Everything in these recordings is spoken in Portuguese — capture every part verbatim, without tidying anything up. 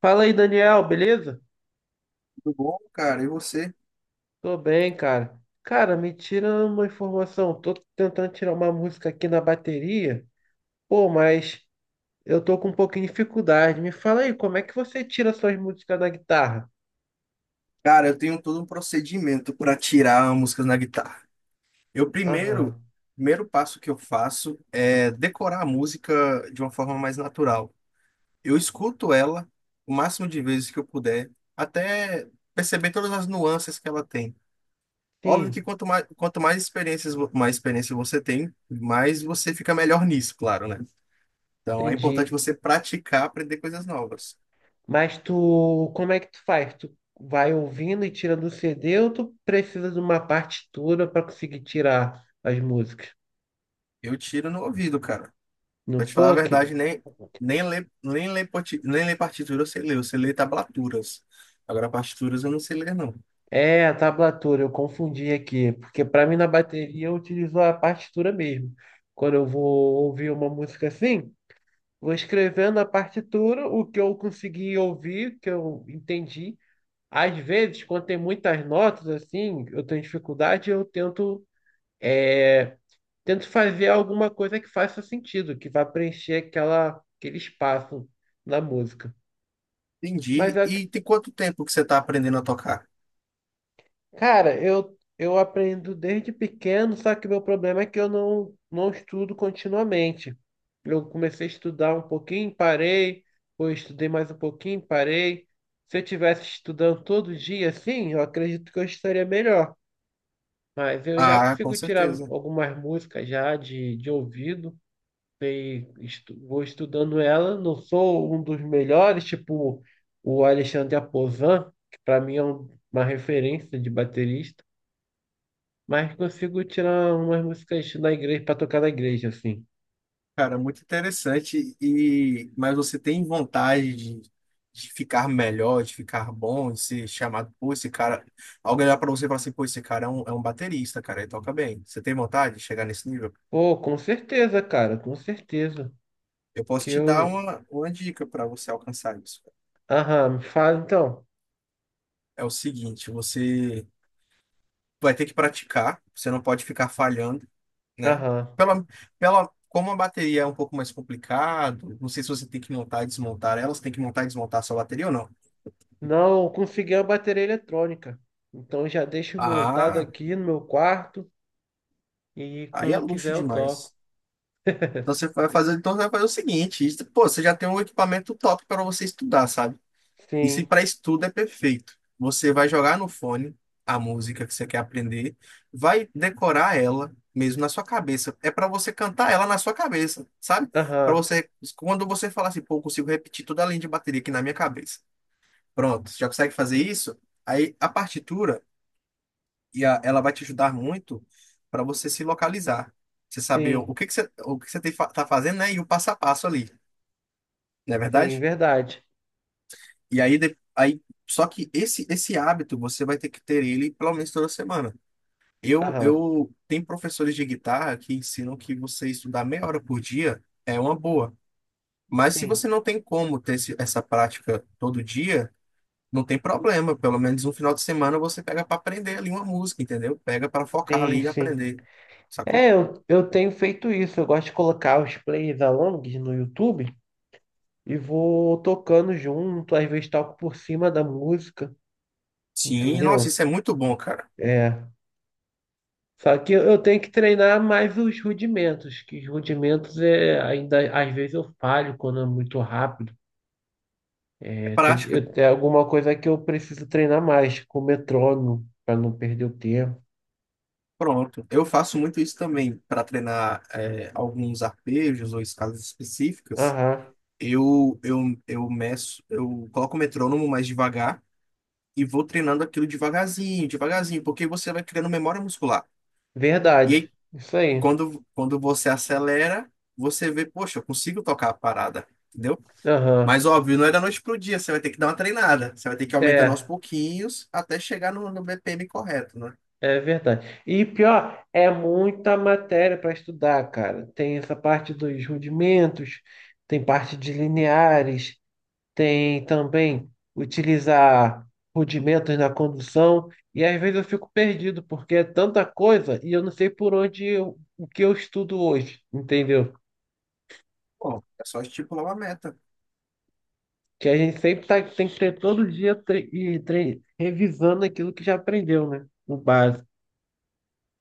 Fala aí, Daniel, beleza? Tudo bom, cara? E você? Tô bem, cara. Cara, me tira uma informação. Tô tentando tirar uma música aqui na bateria. Pô, mas eu tô com um pouquinho de dificuldade. Me fala aí, como é que você tira suas músicas da guitarra? Cara, eu tenho todo um procedimento para tirar músicas na guitarra. Eu primeiro, Aham, Primeiro passo que eu faço é decorar a música de uma forma mais natural. Eu escuto ela o máximo de vezes que eu puder, até perceber todas as nuances que ela tem. Óbvio sim, que quanto mais, quanto mais experiências, vo- mais experiência você tem, mais você fica melhor nisso, claro, né? Então é importante entendi. você praticar, aprender coisas novas. Mas tu, como é que tu faz? Tu vai ouvindo e tira do C D ou tu precisa de uma partitura pra conseguir tirar as músicas? Eu tiro no ouvido, cara. No Pra te falar a P O C? verdade, nem, nem ler, nem ler, parti- nem ler partitura eu sei ler, eu sei ler tablaturas. Agora, partituras eu não sei ler, não. É, a tablatura, eu confundi aqui, porque para mim na bateria eu utilizo a partitura mesmo. Quando eu vou ouvir uma música assim, vou escrevendo a partitura, o que eu consegui ouvir, que eu entendi. Às vezes, quando tem muitas notas assim, eu tenho dificuldade, eu tento, é, tento fazer alguma coisa que faça sentido, que vá preencher aquela, aquele espaço na música. Mas Entendi. eu E tem quanto tempo que você tá aprendendo a tocar? Cara, eu, eu aprendo desde pequeno, só que meu problema é que eu não, não estudo continuamente. Eu comecei a estudar um pouquinho, parei, depois estudei mais um pouquinho, parei. Se eu tivesse estudando todo dia, assim, eu acredito que eu estaria melhor. Mas eu já Ah, com consigo tirar certeza. algumas músicas já de, de ouvido, sei, estu- vou estudando ela. Não sou um dos melhores, tipo o Alexandre Aposan, que para mim é um- uma referência de baterista. Mas consigo tirar umas músicas da igreja para tocar na igreja, assim. Cara, muito interessante. E mas você tem vontade de, de ficar melhor, de ficar bom, de ser chamado, pô, esse cara. Alguém olhar pra você e falar assim, pô, esse cara é um, é um baterista, cara, ele toca bem. Você tem vontade de chegar nesse nível? Pô, com certeza, cara, com certeza. Eu posso Que te dar eu. uma, uma dica para você alcançar isso. Aham, me fala então. É o seguinte, você vai ter que praticar, você não pode ficar falhando, né? Aham. Pela, pela, como a bateria é um pouco mais complicado, não sei se você tem que montar e desmontar ela, você tem que montar e desmontar a sua bateria ou não. Não consegui a bateria eletrônica. Então já deixo montado Ah, aqui no meu quarto e aí quando é eu quiser luxo eu toco. demais. Então você vai fazer, então você vai fazer o seguinte, isso- pô, você já tem um equipamento top para você estudar, sabe? Isso Sim, para estudo é perfeito. Você vai jogar no fone a música que você quer aprender, vai decorar ela mesmo na sua cabeça. É para você cantar ela na sua cabeça, sabe? Para aham, você, quando você falar assim, pô, eu consigo repetir toda a linha de bateria aqui na minha cabeça. Pronto, já consegue fazer isso? Aí a partitura e a- ela vai te ajudar muito para você se localizar, você saber sim, o que que você, o que você tem, fa- tá fazendo, né? E o passo a passo ali, não é sim, verdade? verdade. E aí, de- aí só que esse esse hábito você vai ter que ter ele pelo menos toda semana. Eu Aham, eu tem professores de guitarra que ensinam que você estudar meia hora por dia é uma boa. Mas se sim, você não tem como ter esse, essa prática todo dia, não tem problema. Pelo menos um final de semana você pega para aprender ali uma música, entendeu? Pega para focar sim, ali e sim. aprender. Sacou? É, eu, eu tenho feito isso. Eu gosto de colocar os plays alongs no YouTube, e vou tocando junto, às vezes toco por cima da música, Sim, nossa, entendeu? isso é muito bom, cara. É. Só que eu tenho que treinar mais os rudimentos, que os rudimentos é ainda às vezes eu falho quando é muito rápido. É É, tem que, prática. eu- é alguma coisa que eu preciso treinar mais com o metrônomo para não perder o tempo. Pronto. Eu faço muito isso também para treinar é, alguns arpejos ou escalas específicas. Aham, Eu, eu, eu meço, eu coloco o metrônomo mais devagar e vou treinando aquilo devagarzinho, devagarzinho, porque você vai criando memória muscular. E verdade. aí, Isso aí. quando, quando você acelera, você vê, poxa, eu consigo tocar a parada, entendeu? Mas Aham. óbvio, não é da noite pro dia, você vai ter que dar uma treinada. Você vai ter que aumentar aos É. pouquinhos até chegar no, no B P M correto, né? É verdade. E pior, é muita matéria para estudar, cara. Tem essa parte dos rudimentos, tem parte de lineares, tem também utilizar rudimentos na condução. E às vezes eu fico perdido, porque é tanta coisa e eu não sei por onde eu- o que eu estudo hoje, entendeu? Bom, é só estipular uma meta. Que a gente sempre tá, tem que ter todo dia tre- e tre- revisando aquilo que já aprendeu, né? O básico.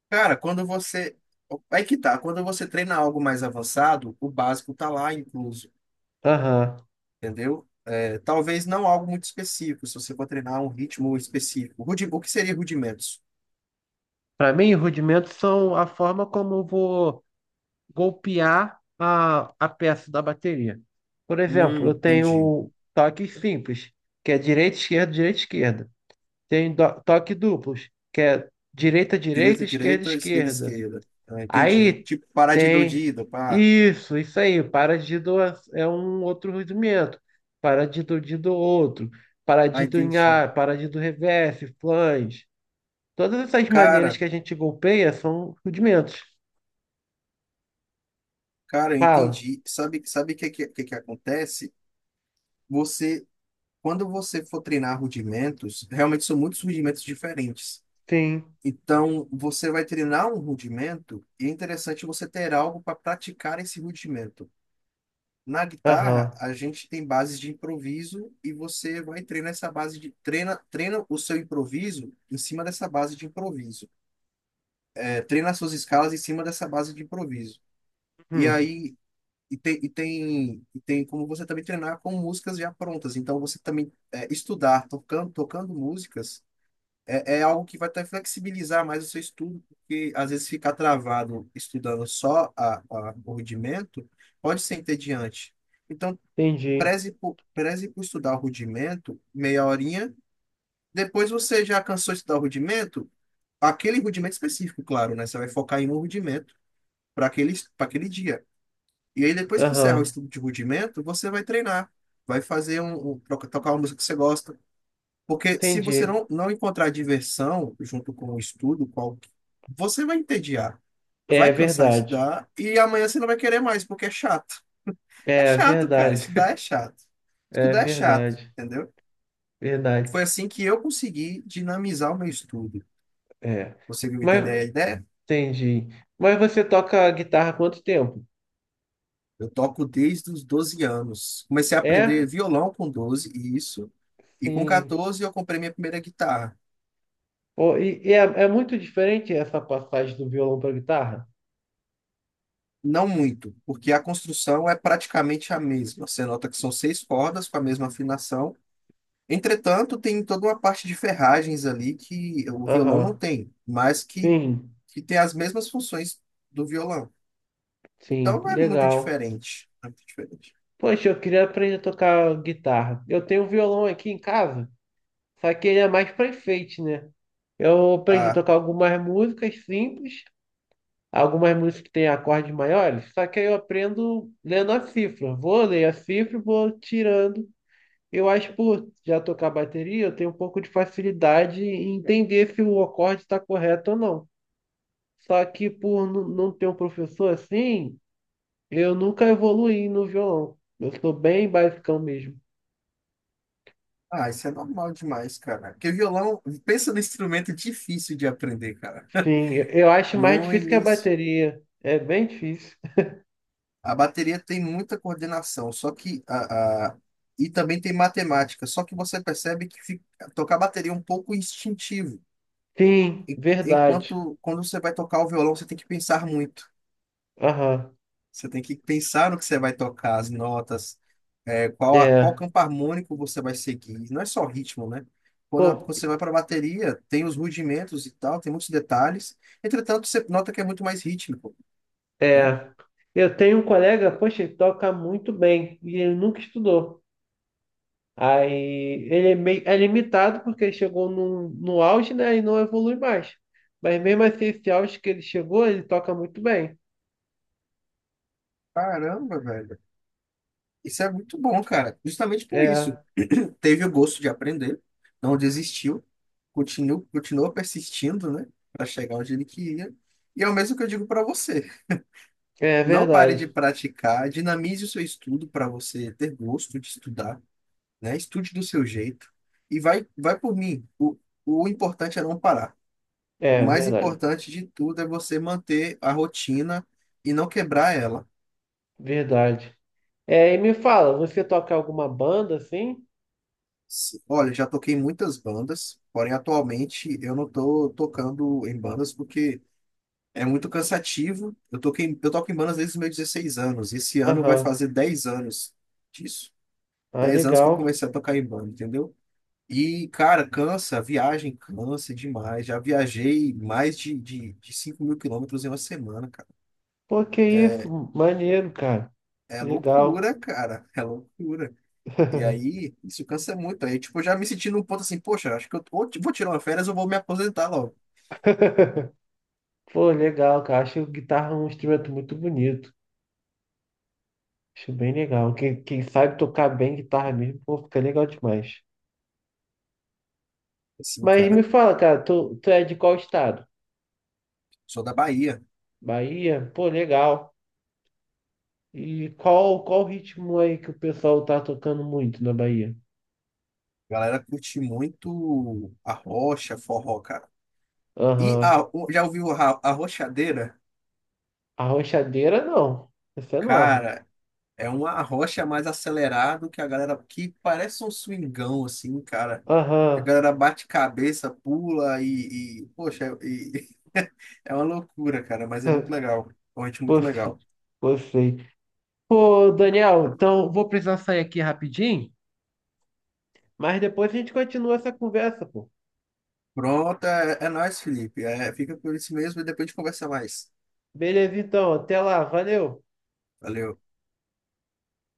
Cara, quando você. Aí que tá, quando você treina algo mais avançado, o básico tá lá incluso, Aham. entendeu? É, talvez não algo muito específico, se você for treinar um ritmo específico. Rudi- O que seria rudimentos? Para mim, rudimentos são a forma como eu vou golpear a, a peça da bateria. Por Hum, exemplo, eu entendi. tenho toques simples, que é direita, esquerda, direita, esquerda. Tenho do- toque duplos, que é direita, direita, Direita, esquerda, direita, esquerda, esquerda. esquerda. Ah, entendi. Aí Tipo, paradinha tem doidida, pá. isso, isso aí. Paradido é é um outro rudimento. Paradido de do outro. Ah, Paradido em entendi. ar, paradido reverse, flange. Todas essas maneiras Cara, que a gente golpeia são rudimentos. cara, eu Fala. entendi. Sabe, sabe o que, que, que que acontece? Você, quando você for treinar rudimentos, realmente são muitos rudimentos diferentes. Sim. Então, você vai treinar um rudimento e é interessante você ter algo para praticar esse rudimento. Na guitarra, Aham. a gente tem bases de improviso e você vai treinar essa base de treina, treina o seu improviso em cima dessa base de improviso. É, treina as suas escalas em cima dessa base de improviso. E Hum. aí e tem, e tem, e tem como você também treinar com músicas já prontas. Então, você também é, estudar tocando, tocando músicas. É, é algo que vai até flexibilizar mais o seu estudo, porque às vezes ficar travado estudando só a, a- o rudimento pode ser entediante. Então, Entendi. preze por, preze por estudar o rudimento meia horinha. Depois você já cansou de estudar o rudimento, aquele rudimento específico, claro, né? Você vai focar em um rudimento para aquele, para aquele dia. E aí, depois que encerrar o Aham. estudo de rudimento, você vai treinar, vai fazer um, um- tocar uma música que você gosta. Porque se você Entendi. não, não encontrar diversão junto com o estudo, qual, você vai entediar, vai É cansar de verdade. estudar e amanhã você não vai querer mais, porque é chato. É É chato, cara. verdade. Estudar é chato. É Estudar é chato, verdade. entendeu? Foi Verdade. assim que eu consegui dinamizar o meu estudo. É. Conseguiu Mas entender a ideia? entendi. Mas você toca guitarra há quanto tempo? Eu toco desde os doze anos. Comecei a aprender É? violão com doze, isso. E com Sim. quatorze eu comprei minha primeira guitarra. Pô, e e é, é muito diferente essa passagem do violão para guitarra? Não muito, porque a construção é praticamente a mesma. Você nota que são seis cordas com a mesma afinação. Entretanto, tem toda uma parte de ferragens ali que o violão não Aham. tem, mas que, Sim. que tem as mesmas funções do violão. Então Sim. não é muito Legal. diferente. Não é muito diferente. Poxa, eu queria aprender a tocar guitarra. Eu tenho um violão aqui em casa, só que ele é mais para enfeite, né? Eu aprendi a Ah, tocar algumas músicas simples, algumas músicas que têm acordes maiores, só que aí eu aprendo lendo a cifra. Vou ler a cifra, e vou tirando. Eu acho que por já tocar bateria, eu tenho um pouco de facilidade em entender se o acorde está correto ou não. Só que por nu- não ter um professor assim, eu nunca evoluí no violão. Eu sou bem basicão mesmo. ah, isso é normal demais, cara. Porque violão, pensa no instrumento difícil de aprender, cara. Sim, eu eu acho mais No difícil que a início. bateria. É bem difícil. A bateria tem muita coordenação, só que a, a- e também tem matemática, só que você percebe que fica- tocar bateria é um pouco instintivo. Sim, E- verdade. Enquanto quando você vai tocar o violão, você tem que pensar muito. Aham. Você tem que pensar no que você vai tocar, as notas, é, qual, a- qual É. campo harmônico você vai seguir. Não é só ritmo, né? Quando a- Pô, você vai para a bateria, tem os rudimentos e tal, tem muitos detalhes. Entretanto, você nota que é muito mais rítmico, né? é, eu tenho um colega, poxa, ele toca muito bem e ele nunca estudou. Aí ele é meio é limitado porque ele chegou no, no auge, né, e não evolui mais. Mas mesmo assim, esse auge que ele chegou, ele toca muito bem. Caramba, velho. Isso é muito bom, cara. Justamente por isso. É, Teve o gosto de aprender, não desistiu, continuou, continuou persistindo, né? Para chegar onde ele queria. E é o mesmo que eu digo para você. é Não pare de verdade. praticar, dinamize o seu estudo para você ter gosto de estudar, né? Estude do seu jeito. E vai, vai por mim. O, o importante é não parar. O É mais verdade. importante de tudo é você manter a rotina e não quebrar ela. Verdade. É, e me fala, você toca alguma banda assim? Sim. Olha, já toquei em muitas bandas, porém atualmente eu não tô tocando em bandas porque é muito cansativo. Eu toquei, eu toco em bandas desde os meus dezesseis anos. Esse ano vai Aham. fazer dez anos disso. Ah, Dez anos que eu legal. comecei a tocar em banda, entendeu? E, cara, cansa, a viagem cansa demais. Já viajei mais de, de, de cinco mil quilômetros em uma semana, cara. Pô, que isso? Maneiro, cara. É Legal. loucura, cara. É loucura. E aí, isso cansa muito. Aí, tipo, eu já me senti num ponto assim, poxa, acho que eu ou ti- vou tirar uma férias ou vou me aposentar logo. Pô, legal, cara. Acho guitarra um instrumento muito bonito. Acho bem legal. Quem, quem sabe tocar bem guitarra mesmo, pô, fica legal demais. Assim, Mas me cara, fala, cara, tu, tu é de qual estado? sou da Bahia. Bahia? Pô, legal. E qual, qual ritmo aí que o pessoal tá tocando muito na Bahia? A galera curte muito a rocha, forró, cara. E a, Aham. O- já ouviu a, a rochadeira? Arrochadeira, não. Essa é nova. Cara, é uma arrocha mais acelerado que a galera que parece um swingão, assim, cara. A Aham. galera bate cabeça, pula e, e poxa, e, é uma loucura, cara, mas é muito legal. É um ritmo muito Pô, f- legal. pô, sei. Pô, Daniel, então vou precisar sair aqui rapidinho, mas depois a gente continua essa conversa, pô. Pronto, é, é nóis, Felipe. É, fica por isso mesmo e depois a gente conversa mais. Beleza, então. Até lá. Valeu. Valeu.